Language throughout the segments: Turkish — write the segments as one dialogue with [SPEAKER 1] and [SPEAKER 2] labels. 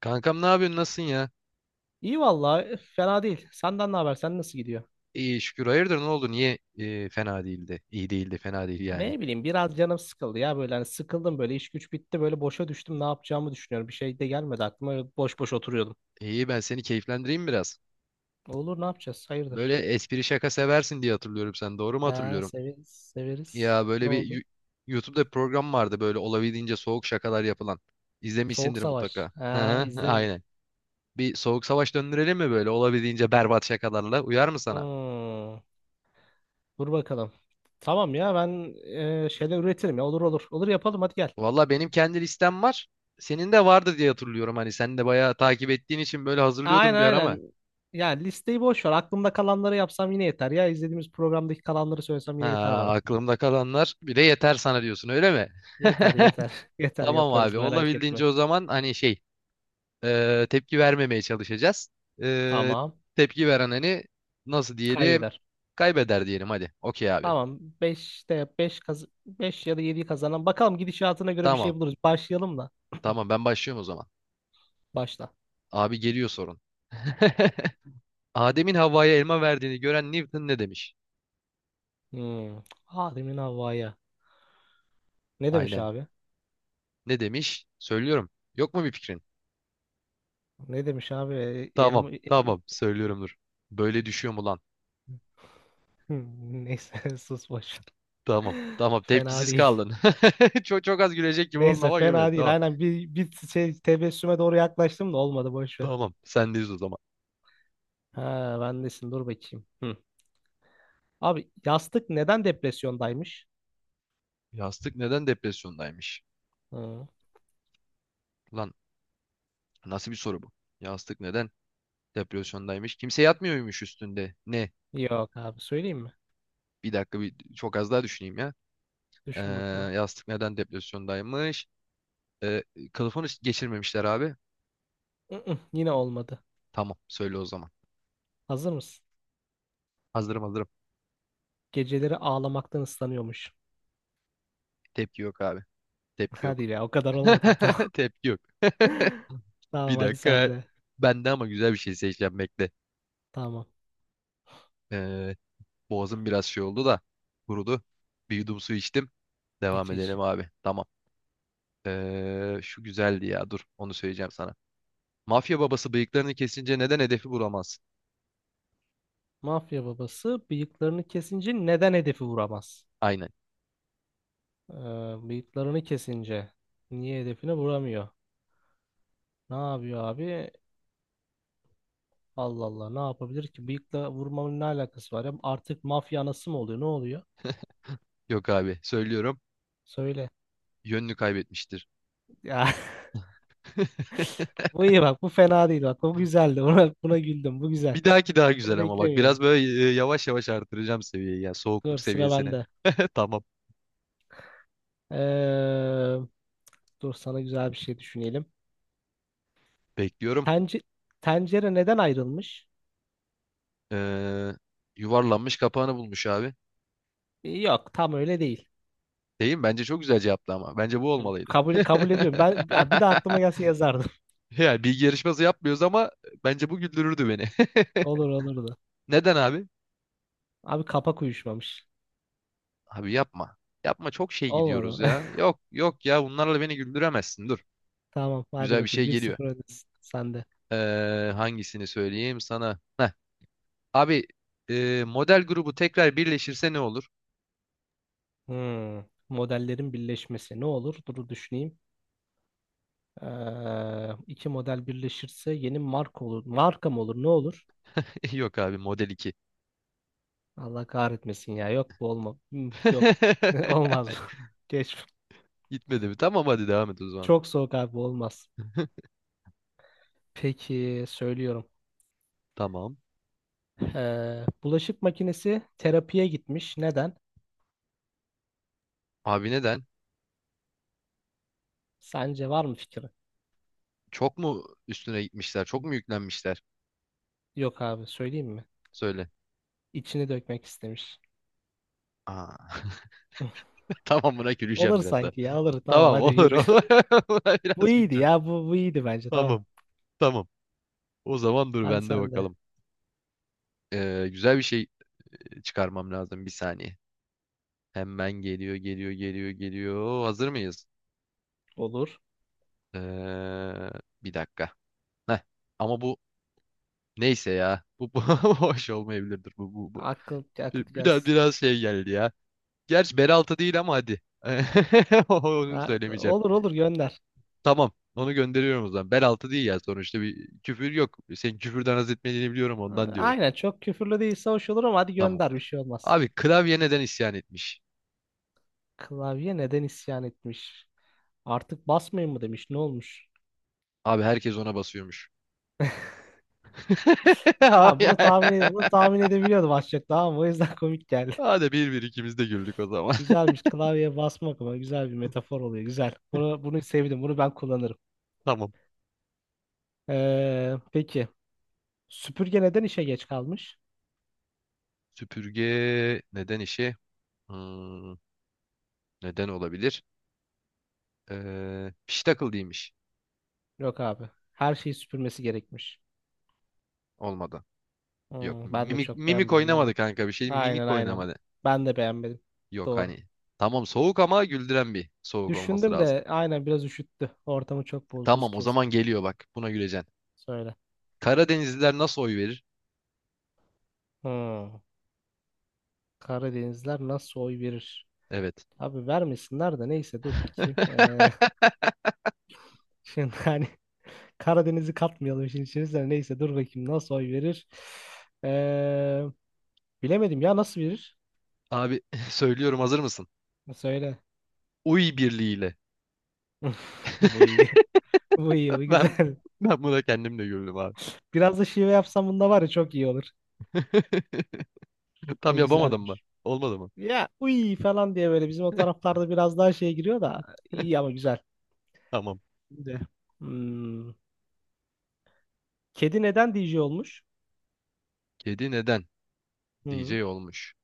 [SPEAKER 1] Kankam ne yapıyorsun? Nasılsın ya?
[SPEAKER 2] İyi vallahi fena değil. Senden ne haber? Sen nasıl gidiyor?
[SPEAKER 1] İyi şükür. Hayırdır ne oldu? Niye fena değildi? İyi değildi, fena değil yani.
[SPEAKER 2] Ne bileyim biraz canım sıkıldı ya böyle hani sıkıldım böyle iş güç bitti böyle boşa düştüm ne yapacağımı düşünüyorum. Bir şey de gelmedi aklıma öyle boş boş oturuyordum.
[SPEAKER 1] İyi, ben seni keyiflendireyim biraz.
[SPEAKER 2] Olur ne yapacağız? Hayırdır?
[SPEAKER 1] Böyle espri şaka seversin diye hatırlıyorum sen. Doğru mu
[SPEAKER 2] Ha
[SPEAKER 1] hatırlıyorum?
[SPEAKER 2] severiz severiz.
[SPEAKER 1] Ya
[SPEAKER 2] Ne
[SPEAKER 1] böyle bir
[SPEAKER 2] oldu?
[SPEAKER 1] YouTube'da bir program vardı, böyle olabildiğince soğuk şakalar yapılan.
[SPEAKER 2] Soğuk
[SPEAKER 1] İzlemişsindir
[SPEAKER 2] Savaş.
[SPEAKER 1] mutlaka. Hı
[SPEAKER 2] Ha
[SPEAKER 1] hı,
[SPEAKER 2] izlerim.
[SPEAKER 1] aynen. Bir soğuk savaş döndürelim mi, böyle olabildiğince berbat şakalarla? Uyar mı sana?
[SPEAKER 2] Hmm, dur bakalım. Tamam ya ben şeyler üretirim ya olur olur. Olur yapalım hadi gel.
[SPEAKER 1] Valla benim kendi listem var. Senin de vardı diye hatırlıyorum. Hani sen de bayağı takip ettiğin için böyle
[SPEAKER 2] Aynen
[SPEAKER 1] hazırlıyordum bir ara ama.
[SPEAKER 2] aynen. Ya listeyi boş ver. Aklımda kalanları yapsam yine yeter ya. İzlediğimiz programdaki kalanları söylesem
[SPEAKER 1] Ha,
[SPEAKER 2] yine yeter bana.
[SPEAKER 1] aklımda kalanlar bir de yeter sana diyorsun, öyle mi?
[SPEAKER 2] Yeter yeter. Yeter
[SPEAKER 1] Tamam
[SPEAKER 2] yaparız
[SPEAKER 1] abi,
[SPEAKER 2] merak etme.
[SPEAKER 1] olabildiğince o zaman hani şey, tepki vermemeye çalışacağız. E,
[SPEAKER 2] Tamam.
[SPEAKER 1] tepki veren hani nasıl diyelim,
[SPEAKER 2] Kaybeder.
[SPEAKER 1] kaybeder diyelim hadi. Okey abi.
[SPEAKER 2] Tamam. 5'te 5 kaz 5 ya da 7'yi kazanan. Bakalım gidişatına göre bir
[SPEAKER 1] Tamam
[SPEAKER 2] şey buluruz. Başlayalım da.
[SPEAKER 1] tamam, ben başlıyorum o zaman.
[SPEAKER 2] Başla.
[SPEAKER 1] Abi geliyor sorun. Adem'in Havva'ya elma verdiğini gören Newton ne demiş?
[SPEAKER 2] Hmm. Adem'in havaya. Ne demiş
[SPEAKER 1] Aynen.
[SPEAKER 2] abi?
[SPEAKER 1] Ne demiş? Söylüyorum. Yok mu bir fikrin?
[SPEAKER 2] Ne demiş abi?
[SPEAKER 1] Tamam
[SPEAKER 2] Elma...
[SPEAKER 1] tamam, söylüyorum, dur. Böyle düşüyor mu lan?
[SPEAKER 2] Neyse sus boş ver.
[SPEAKER 1] Tamam. Tamam.
[SPEAKER 2] Fena
[SPEAKER 1] Tepkisiz
[SPEAKER 2] değil.
[SPEAKER 1] kaldın. Çok çok az gülecek gibi oldun
[SPEAKER 2] Neyse
[SPEAKER 1] ama gülmedin.
[SPEAKER 2] fena değil.
[SPEAKER 1] Tamam.
[SPEAKER 2] Aynen bir şey tebessüme doğru yaklaştım da olmadı boş ver.
[SPEAKER 1] Tamam. Sendeyiz o zaman.
[SPEAKER 2] Ha bendesin dur bakayım. Hı. Abi yastık neden depresyondaymış?
[SPEAKER 1] Yastık neden depresyondaymış?
[SPEAKER 2] Hı.
[SPEAKER 1] Lan, nasıl bir soru bu? Yastık neden depresyondaymış? Kimse yatmıyormuş üstünde. Ne?
[SPEAKER 2] Yok abi söyleyeyim mi?
[SPEAKER 1] Bir dakika, bir çok az daha düşüneyim ya. Ee,
[SPEAKER 2] Düşün bakalım.
[SPEAKER 1] yastık neden depresyondaymış? Ee, kılıfını geçirmemişler abi.
[SPEAKER 2] Mm-mm, yine olmadı.
[SPEAKER 1] Tamam. Söyle o zaman.
[SPEAKER 2] Hazır mısın?
[SPEAKER 1] Hazırım hazırım.
[SPEAKER 2] Geceleri ağlamaktan ıslanıyormuş.
[SPEAKER 1] Tepki yok abi. Tepki yok.
[SPEAKER 2] Hadi ya o kadar olmadı. Tamam,
[SPEAKER 1] Tepki yok.
[SPEAKER 2] tamam
[SPEAKER 1] Bir
[SPEAKER 2] hadi sen
[SPEAKER 1] dakika.
[SPEAKER 2] de.
[SPEAKER 1] Ben de ama güzel bir şey seçeceğim, bekle.
[SPEAKER 2] Tamam.
[SPEAKER 1] Ee, Boğazım biraz şey oldu da kurudu. Bir yudum su içtim. Devam
[SPEAKER 2] İç iç.
[SPEAKER 1] edelim abi. Tamam. Şu güzeldi ya. Dur, onu söyleyeceğim sana. Mafya babası bıyıklarını kesince neden hedefi vuramazsın?
[SPEAKER 2] Mafya babası bıyıklarını kesince neden hedefi vuramaz?
[SPEAKER 1] Aynen.
[SPEAKER 2] Ee, bıyıklarını kesince niye hedefine vuramıyor? Ne yapıyor abi? Allah Allah ne yapabilir ki? Bıyıkla vurmanın ne alakası var ya? Artık mafya anası mı oluyor? Ne oluyor?
[SPEAKER 1] Yok abi, söylüyorum.
[SPEAKER 2] Söyle.
[SPEAKER 1] Yönünü kaybetmiştir.
[SPEAKER 2] Ya bu iyi bak bu fena değil bak bu güzeldi. Buna güldüm bu güzel.
[SPEAKER 1] Bir dahaki daha güzel
[SPEAKER 2] Bunu
[SPEAKER 1] ama bak,
[SPEAKER 2] beklemiyordum.
[SPEAKER 1] biraz böyle yavaş yavaş artıracağım seviyeyi ya,
[SPEAKER 2] Dur
[SPEAKER 1] soğukluk
[SPEAKER 2] sıra
[SPEAKER 1] seviyesini.
[SPEAKER 2] bende.
[SPEAKER 1] Tamam,
[SPEAKER 2] Ee, dur sana güzel bir şey düşünelim.
[SPEAKER 1] bekliyorum.
[SPEAKER 2] Tence tencere neden ayrılmış?
[SPEAKER 1] Ee, yuvarlanmış kapağını bulmuş abi.
[SPEAKER 2] Yok tam öyle değil.
[SPEAKER 1] Değil mi? Bence çok güzel cevaptı ama. Bence bu olmalıydı.
[SPEAKER 2] Kabul ediyorum. Ben ya bir de aklıma gelse yazardım.
[SPEAKER 1] Yani bilgi yarışması yapmıyoruz ama bence bu güldürürdü beni.
[SPEAKER 2] Olur olurdu.
[SPEAKER 1] Neden abi?
[SPEAKER 2] Abi kapak uyuşmamış.
[SPEAKER 1] Abi yapma. Yapma, çok şey gidiyoruz
[SPEAKER 2] Olmadı.
[SPEAKER 1] ya. Yok yok ya, bunlarla beni güldüremezsin. Dur.
[SPEAKER 2] Tamam hadi
[SPEAKER 1] Güzel bir
[SPEAKER 2] bakayım
[SPEAKER 1] şey
[SPEAKER 2] bir
[SPEAKER 1] geliyor.
[SPEAKER 2] sıfır öndesin sende.
[SPEAKER 1] Hangisini söyleyeyim sana? Heh. Abi, model grubu tekrar birleşirse ne olur?
[SPEAKER 2] Hmm. Modellerin birleşmesi ne olur? Dur düşüneyim. İki model birleşirse yeni marka olur. Marka mı olur? Ne olur?
[SPEAKER 1] Yok abi, model 2.
[SPEAKER 2] Allah kahretmesin ya. Yok bu olma. Yok. Olmaz bu. Geç.
[SPEAKER 1] Gitmedi mi? Tamam hadi devam et o zaman.
[SPEAKER 2] Çok soğuk abi bu olmaz. Peki söylüyorum.
[SPEAKER 1] Tamam.
[SPEAKER 2] Bulaşık makinesi terapiye gitmiş. Neden?
[SPEAKER 1] Abi neden?
[SPEAKER 2] Sence var mı fikri?
[SPEAKER 1] Çok mu üstüne gitmişler? Çok mu yüklenmişler?
[SPEAKER 2] Yok abi söyleyeyim mi?
[SPEAKER 1] Söyle.
[SPEAKER 2] İçini dökmek istemiş.
[SPEAKER 1] Aa. Tamam, buna güleceğim
[SPEAKER 2] Olur
[SPEAKER 1] biraz.
[SPEAKER 2] sanki ya olur tamam
[SPEAKER 1] Tamam
[SPEAKER 2] hadi
[SPEAKER 1] olur
[SPEAKER 2] yürü.
[SPEAKER 1] olur.
[SPEAKER 2] Bu
[SPEAKER 1] Biraz
[SPEAKER 2] iyiydi
[SPEAKER 1] güncel.
[SPEAKER 2] ya bu iyiydi bence tamam.
[SPEAKER 1] Tamam tamam. O zaman dur,
[SPEAKER 2] Hadi
[SPEAKER 1] bende
[SPEAKER 2] sen de.
[SPEAKER 1] bakalım. Güzel bir şey çıkarmam lazım bir saniye. Hemen geliyor geliyor geliyor geliyor. Hazır mıyız?
[SPEAKER 2] Olur.
[SPEAKER 1] Ee, bir dakika. Heh. Ama bu neyse ya. Bu hoş olmayabilirdir bu. Bir-
[SPEAKER 2] Akıt
[SPEAKER 1] Biraz
[SPEAKER 2] gelsin.
[SPEAKER 1] biraz şey geldi ya. Gerçi beraltı değil ama hadi. Onu
[SPEAKER 2] Ha,
[SPEAKER 1] söylemeyeceğim.
[SPEAKER 2] olur olur gönder.
[SPEAKER 1] Tamam. Onu gönderiyorum o zaman. Beraltı değil ya sonuçta, bir küfür yok. Senin küfürden haz etmediğini biliyorum, ondan diyorum.
[SPEAKER 2] Aynen çok küfürlü değilse hoş olur ama hadi
[SPEAKER 1] Tamam.
[SPEAKER 2] gönder bir şey olmaz.
[SPEAKER 1] Abi, klavye neden isyan etmiş?
[SPEAKER 2] Klavye neden isyan etmiş? Artık basmayın mı demiş. Ne olmuş?
[SPEAKER 1] Abi, herkes ona basıyormuş.
[SPEAKER 2] Ben
[SPEAKER 1] Abi, ya.
[SPEAKER 2] bunu tahmin edebiliyordum az çok tamam mı? O yüzden komik geldi.
[SPEAKER 1] Hadi, bir bir ikimiz de güldük o zaman.
[SPEAKER 2] Güzelmiş. Klavyeye basmak ama güzel bir metafor oluyor. Güzel. Bunu bunu sevdim. Bunu ben kullanırım.
[SPEAKER 1] Tamam.
[SPEAKER 2] Peki. Süpürge neden işe geç kalmış?
[SPEAKER 1] Süpürge neden işi? Hmm, neden olabilir? Piştakıl değilmiş.
[SPEAKER 2] Yok abi. Her şeyi süpürmesi gerekmiş.
[SPEAKER 1] Olmadı. Yok.
[SPEAKER 2] Ben de
[SPEAKER 1] Mimik,
[SPEAKER 2] çok
[SPEAKER 1] mimik
[SPEAKER 2] beğenmedim
[SPEAKER 1] oynamadı
[SPEAKER 2] ama.
[SPEAKER 1] kanka, bir şey.
[SPEAKER 2] Aynen
[SPEAKER 1] Mimik
[SPEAKER 2] aynen.
[SPEAKER 1] oynamadı.
[SPEAKER 2] Ben de beğenmedim.
[SPEAKER 1] Yok
[SPEAKER 2] Doğru.
[SPEAKER 1] hani. Tamam, soğuk ama güldüren bir soğuk olması
[SPEAKER 2] Düşündüm
[SPEAKER 1] lazım.
[SPEAKER 2] de aynen biraz üşüttü. Ortamı çok buz, buz
[SPEAKER 1] Tamam o zaman
[SPEAKER 2] kesti.
[SPEAKER 1] geliyor bak. Buna güleceksin.
[SPEAKER 2] Söyle.
[SPEAKER 1] Karadenizliler nasıl oy verir?
[SPEAKER 2] Hmm. Karadenizler nasıl oy verir?
[SPEAKER 1] Evet.
[SPEAKER 2] Abi vermesinler de neyse dur bakayım. Şimdi hani Karadeniz'i katmayalım işin içerisine. Neyse dur bakayım nasıl oy verir? Ee, bilemedim ya nasıl verir?
[SPEAKER 1] Abi söylüyorum, hazır mısın?
[SPEAKER 2] Söyle.
[SPEAKER 1] Uy birliğiyle.
[SPEAKER 2] Bu iyi. Bu iyi. Bu
[SPEAKER 1] Ben
[SPEAKER 2] güzel.
[SPEAKER 1] ben buna kendim de güldüm abi.
[SPEAKER 2] Biraz da şive yapsam bunda var ya çok iyi olur.
[SPEAKER 1] Tam
[SPEAKER 2] Bu
[SPEAKER 1] yapamadım mı?
[SPEAKER 2] güzelmiş.
[SPEAKER 1] Olmadı mı?
[SPEAKER 2] Ya uy falan diye böyle bizim o taraflarda biraz daha şey giriyor da iyi ama güzel.
[SPEAKER 1] Tamam.
[SPEAKER 2] Şimdi, hmm, kedi neden DJ olmuş?
[SPEAKER 1] Kedi neden
[SPEAKER 2] Hmm.
[SPEAKER 1] DJ olmuş?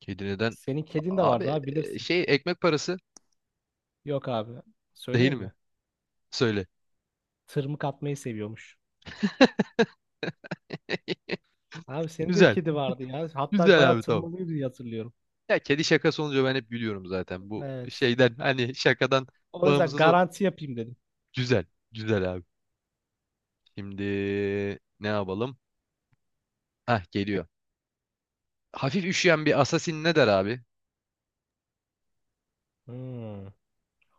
[SPEAKER 1] Kedi neden?
[SPEAKER 2] Senin kedin de
[SPEAKER 1] A-
[SPEAKER 2] vardı
[SPEAKER 1] Abi
[SPEAKER 2] abi
[SPEAKER 1] e,
[SPEAKER 2] bilirsin.
[SPEAKER 1] şey ekmek parası
[SPEAKER 2] Yok abi.
[SPEAKER 1] değil
[SPEAKER 2] Söyleyeyim
[SPEAKER 1] mi?
[SPEAKER 2] mi?
[SPEAKER 1] Söyle.
[SPEAKER 2] Tırmık atmayı seviyormuş. Abi senin de
[SPEAKER 1] Güzel.
[SPEAKER 2] kedi vardı ya. Hatta
[SPEAKER 1] Güzel
[SPEAKER 2] bayağı
[SPEAKER 1] abi, tamam.
[SPEAKER 2] tırmalıyordu diye hatırlıyorum.
[SPEAKER 1] Ya kedi şakası olunca ben hep gülüyorum zaten. Bu
[SPEAKER 2] Evet.
[SPEAKER 1] şeyden, hani şakadan
[SPEAKER 2] O yüzden
[SPEAKER 1] bağımsız o.
[SPEAKER 2] garanti yapayım dedim.
[SPEAKER 1] Güzel. Güzel abi. Şimdi ne yapalım? Hah, geliyor. Hafif üşüyen bir assassin ne der abi?
[SPEAKER 2] Hmm.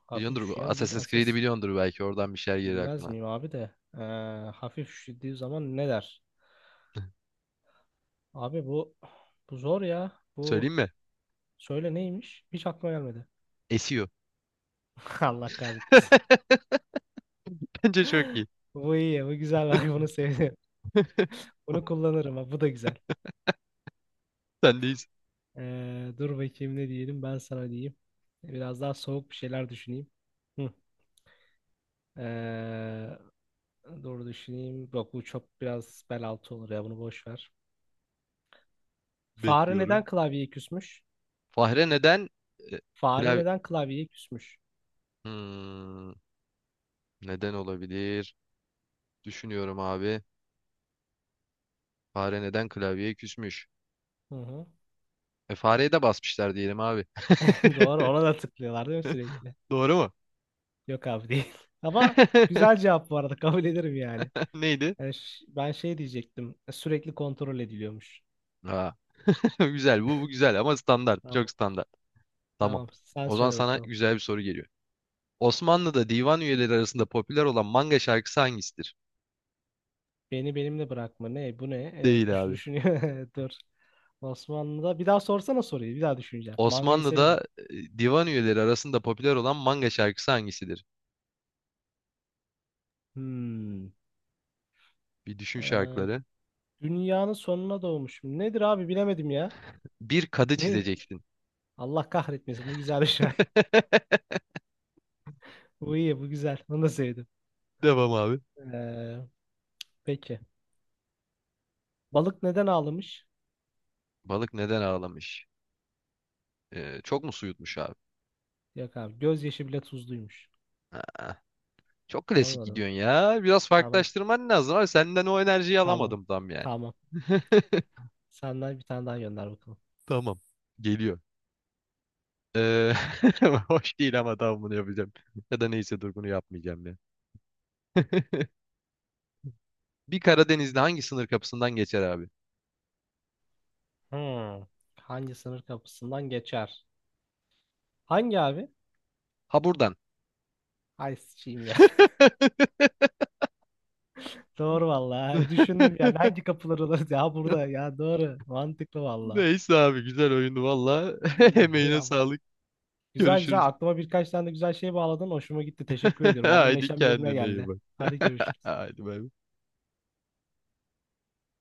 [SPEAKER 2] Hafif
[SPEAKER 1] Biliyordur bu.
[SPEAKER 2] üşüyen bir
[SPEAKER 1] Assassin's Creed'i
[SPEAKER 2] asas.
[SPEAKER 1] biliyordur belki. Oradan bir şeyler gelir
[SPEAKER 2] Bilmez
[SPEAKER 1] aklına.
[SPEAKER 2] miyim abi de. Hafif üşüdüğü zaman ne der? Abi bu zor ya.
[SPEAKER 1] Söyleyeyim
[SPEAKER 2] Bu
[SPEAKER 1] mi?
[SPEAKER 2] söyle neymiş? Hiç aklıma gelmedi.
[SPEAKER 1] Esiyor.
[SPEAKER 2] Allah kahretsin.
[SPEAKER 1] Bence çok iyi.
[SPEAKER 2] Bu iyi. Bu güzel. Bak bunu sevdim. Bunu kullanırım. Ha, bu da güzel.
[SPEAKER 1] Sendeyiz.
[SPEAKER 2] Dur bakayım ne diyelim ben sana diyeyim. Biraz daha soğuk bir şeyler düşüneyim. Hı. Ee, dur düşüneyim. Yok bu çok biraz bel altı olur ya bunu boş ver. Fare neden
[SPEAKER 1] Bekliyorum.
[SPEAKER 2] klavyeye küsmüş?
[SPEAKER 1] Fahre neden e,
[SPEAKER 2] Fare
[SPEAKER 1] klavye...
[SPEAKER 2] neden klavyeye küsmüş?
[SPEAKER 1] Hmm, neden olabilir? Düşünüyorum abi. Fahre neden klavyeye küsmüş?
[SPEAKER 2] Hı hı.
[SPEAKER 1] E, fareye de basmışlar diyelim abi.
[SPEAKER 2] Doğru ona da tıklıyorlar değil mi sürekli?
[SPEAKER 1] Doğru mu?
[SPEAKER 2] Yok abi değil. Ama güzel cevap bu arada kabul ederim yani.
[SPEAKER 1] Neydi?
[SPEAKER 2] Yani ben şey diyecektim sürekli kontrol ediliyormuş.
[SPEAKER 1] Aa, güzel bu, bu güzel ama standart. Çok
[SPEAKER 2] Tamam.
[SPEAKER 1] standart. Tamam.
[SPEAKER 2] Tamam sen
[SPEAKER 1] O zaman
[SPEAKER 2] söyle
[SPEAKER 1] sana
[SPEAKER 2] bakalım.
[SPEAKER 1] güzel bir soru geliyor. Osmanlı'da divan üyeleri arasında popüler olan manga şarkısı hangisidir?
[SPEAKER 2] Beni benimle bırakma. Ne? Bu ne? Evet,
[SPEAKER 1] Değil abi.
[SPEAKER 2] düşünüyor. Dur. Osmanlı'da. Bir daha sorsana soruyu. Bir daha düşüneceğim. Mangayı severim.
[SPEAKER 1] Osmanlı'da divan üyeleri arasında popüler olan manga şarkısı hangisidir?
[SPEAKER 2] Hmm.
[SPEAKER 1] Bir düşün şarkıları.
[SPEAKER 2] Dünyanın sonuna doğmuşum. Nedir abi bilemedim ya.
[SPEAKER 1] Bir kadı
[SPEAKER 2] Ne?
[SPEAKER 1] çizeceksin.
[SPEAKER 2] Allah kahretmesin. Bu güzel bir şey. Bu iyi. Bu güzel. Bunu da sevdim.
[SPEAKER 1] Devam abi.
[SPEAKER 2] Ee, peki. Balık neden ağlamış?
[SPEAKER 1] Balık neden ağlamış? Çok mu su yutmuş abi?
[SPEAKER 2] Yok abi. Gözyaşı bile tuzluymuş.
[SPEAKER 1] Aa, çok klasik
[SPEAKER 2] Anladım.
[SPEAKER 1] gidiyorsun ya. Biraz
[SPEAKER 2] Tamam.
[SPEAKER 1] farklılaştırman lazım abi. Senden o enerjiyi
[SPEAKER 2] Tamam.
[SPEAKER 1] alamadım tam, yani.
[SPEAKER 2] Tamam. Senden bir tane daha gönder bakalım.
[SPEAKER 1] Tamam. Geliyor. Ee, Hoş değil ama tamam, bunu yapacağım. Ya da neyse, dur, bunu yapmayacağım ya. Bir Karadenizli hangi sınır kapısından geçer abi?
[SPEAKER 2] Hmm. Hangi sınır kapısından geçer? Hangi abi?
[SPEAKER 1] Ha, buradan.
[SPEAKER 2] Ay sıçayım ya. Doğru valla. Düşündüm yani hangi kapılar olur ya burada ya doğru. Mantıklı valla.
[SPEAKER 1] Neyse abi, güzel oyundu valla. Emeğine
[SPEAKER 2] Ya,
[SPEAKER 1] sağlık.
[SPEAKER 2] güzel
[SPEAKER 1] Görüşürüz.
[SPEAKER 2] güzel aklıma birkaç tane de güzel şey bağladın. Hoşuma gitti. Teşekkür ediyorum. Valla
[SPEAKER 1] Haydi,
[SPEAKER 2] neşem yerine
[SPEAKER 1] kendine iyi
[SPEAKER 2] geldi.
[SPEAKER 1] bak.
[SPEAKER 2] Hadi görüşürüz.
[SPEAKER 1] Haydi, bay bay.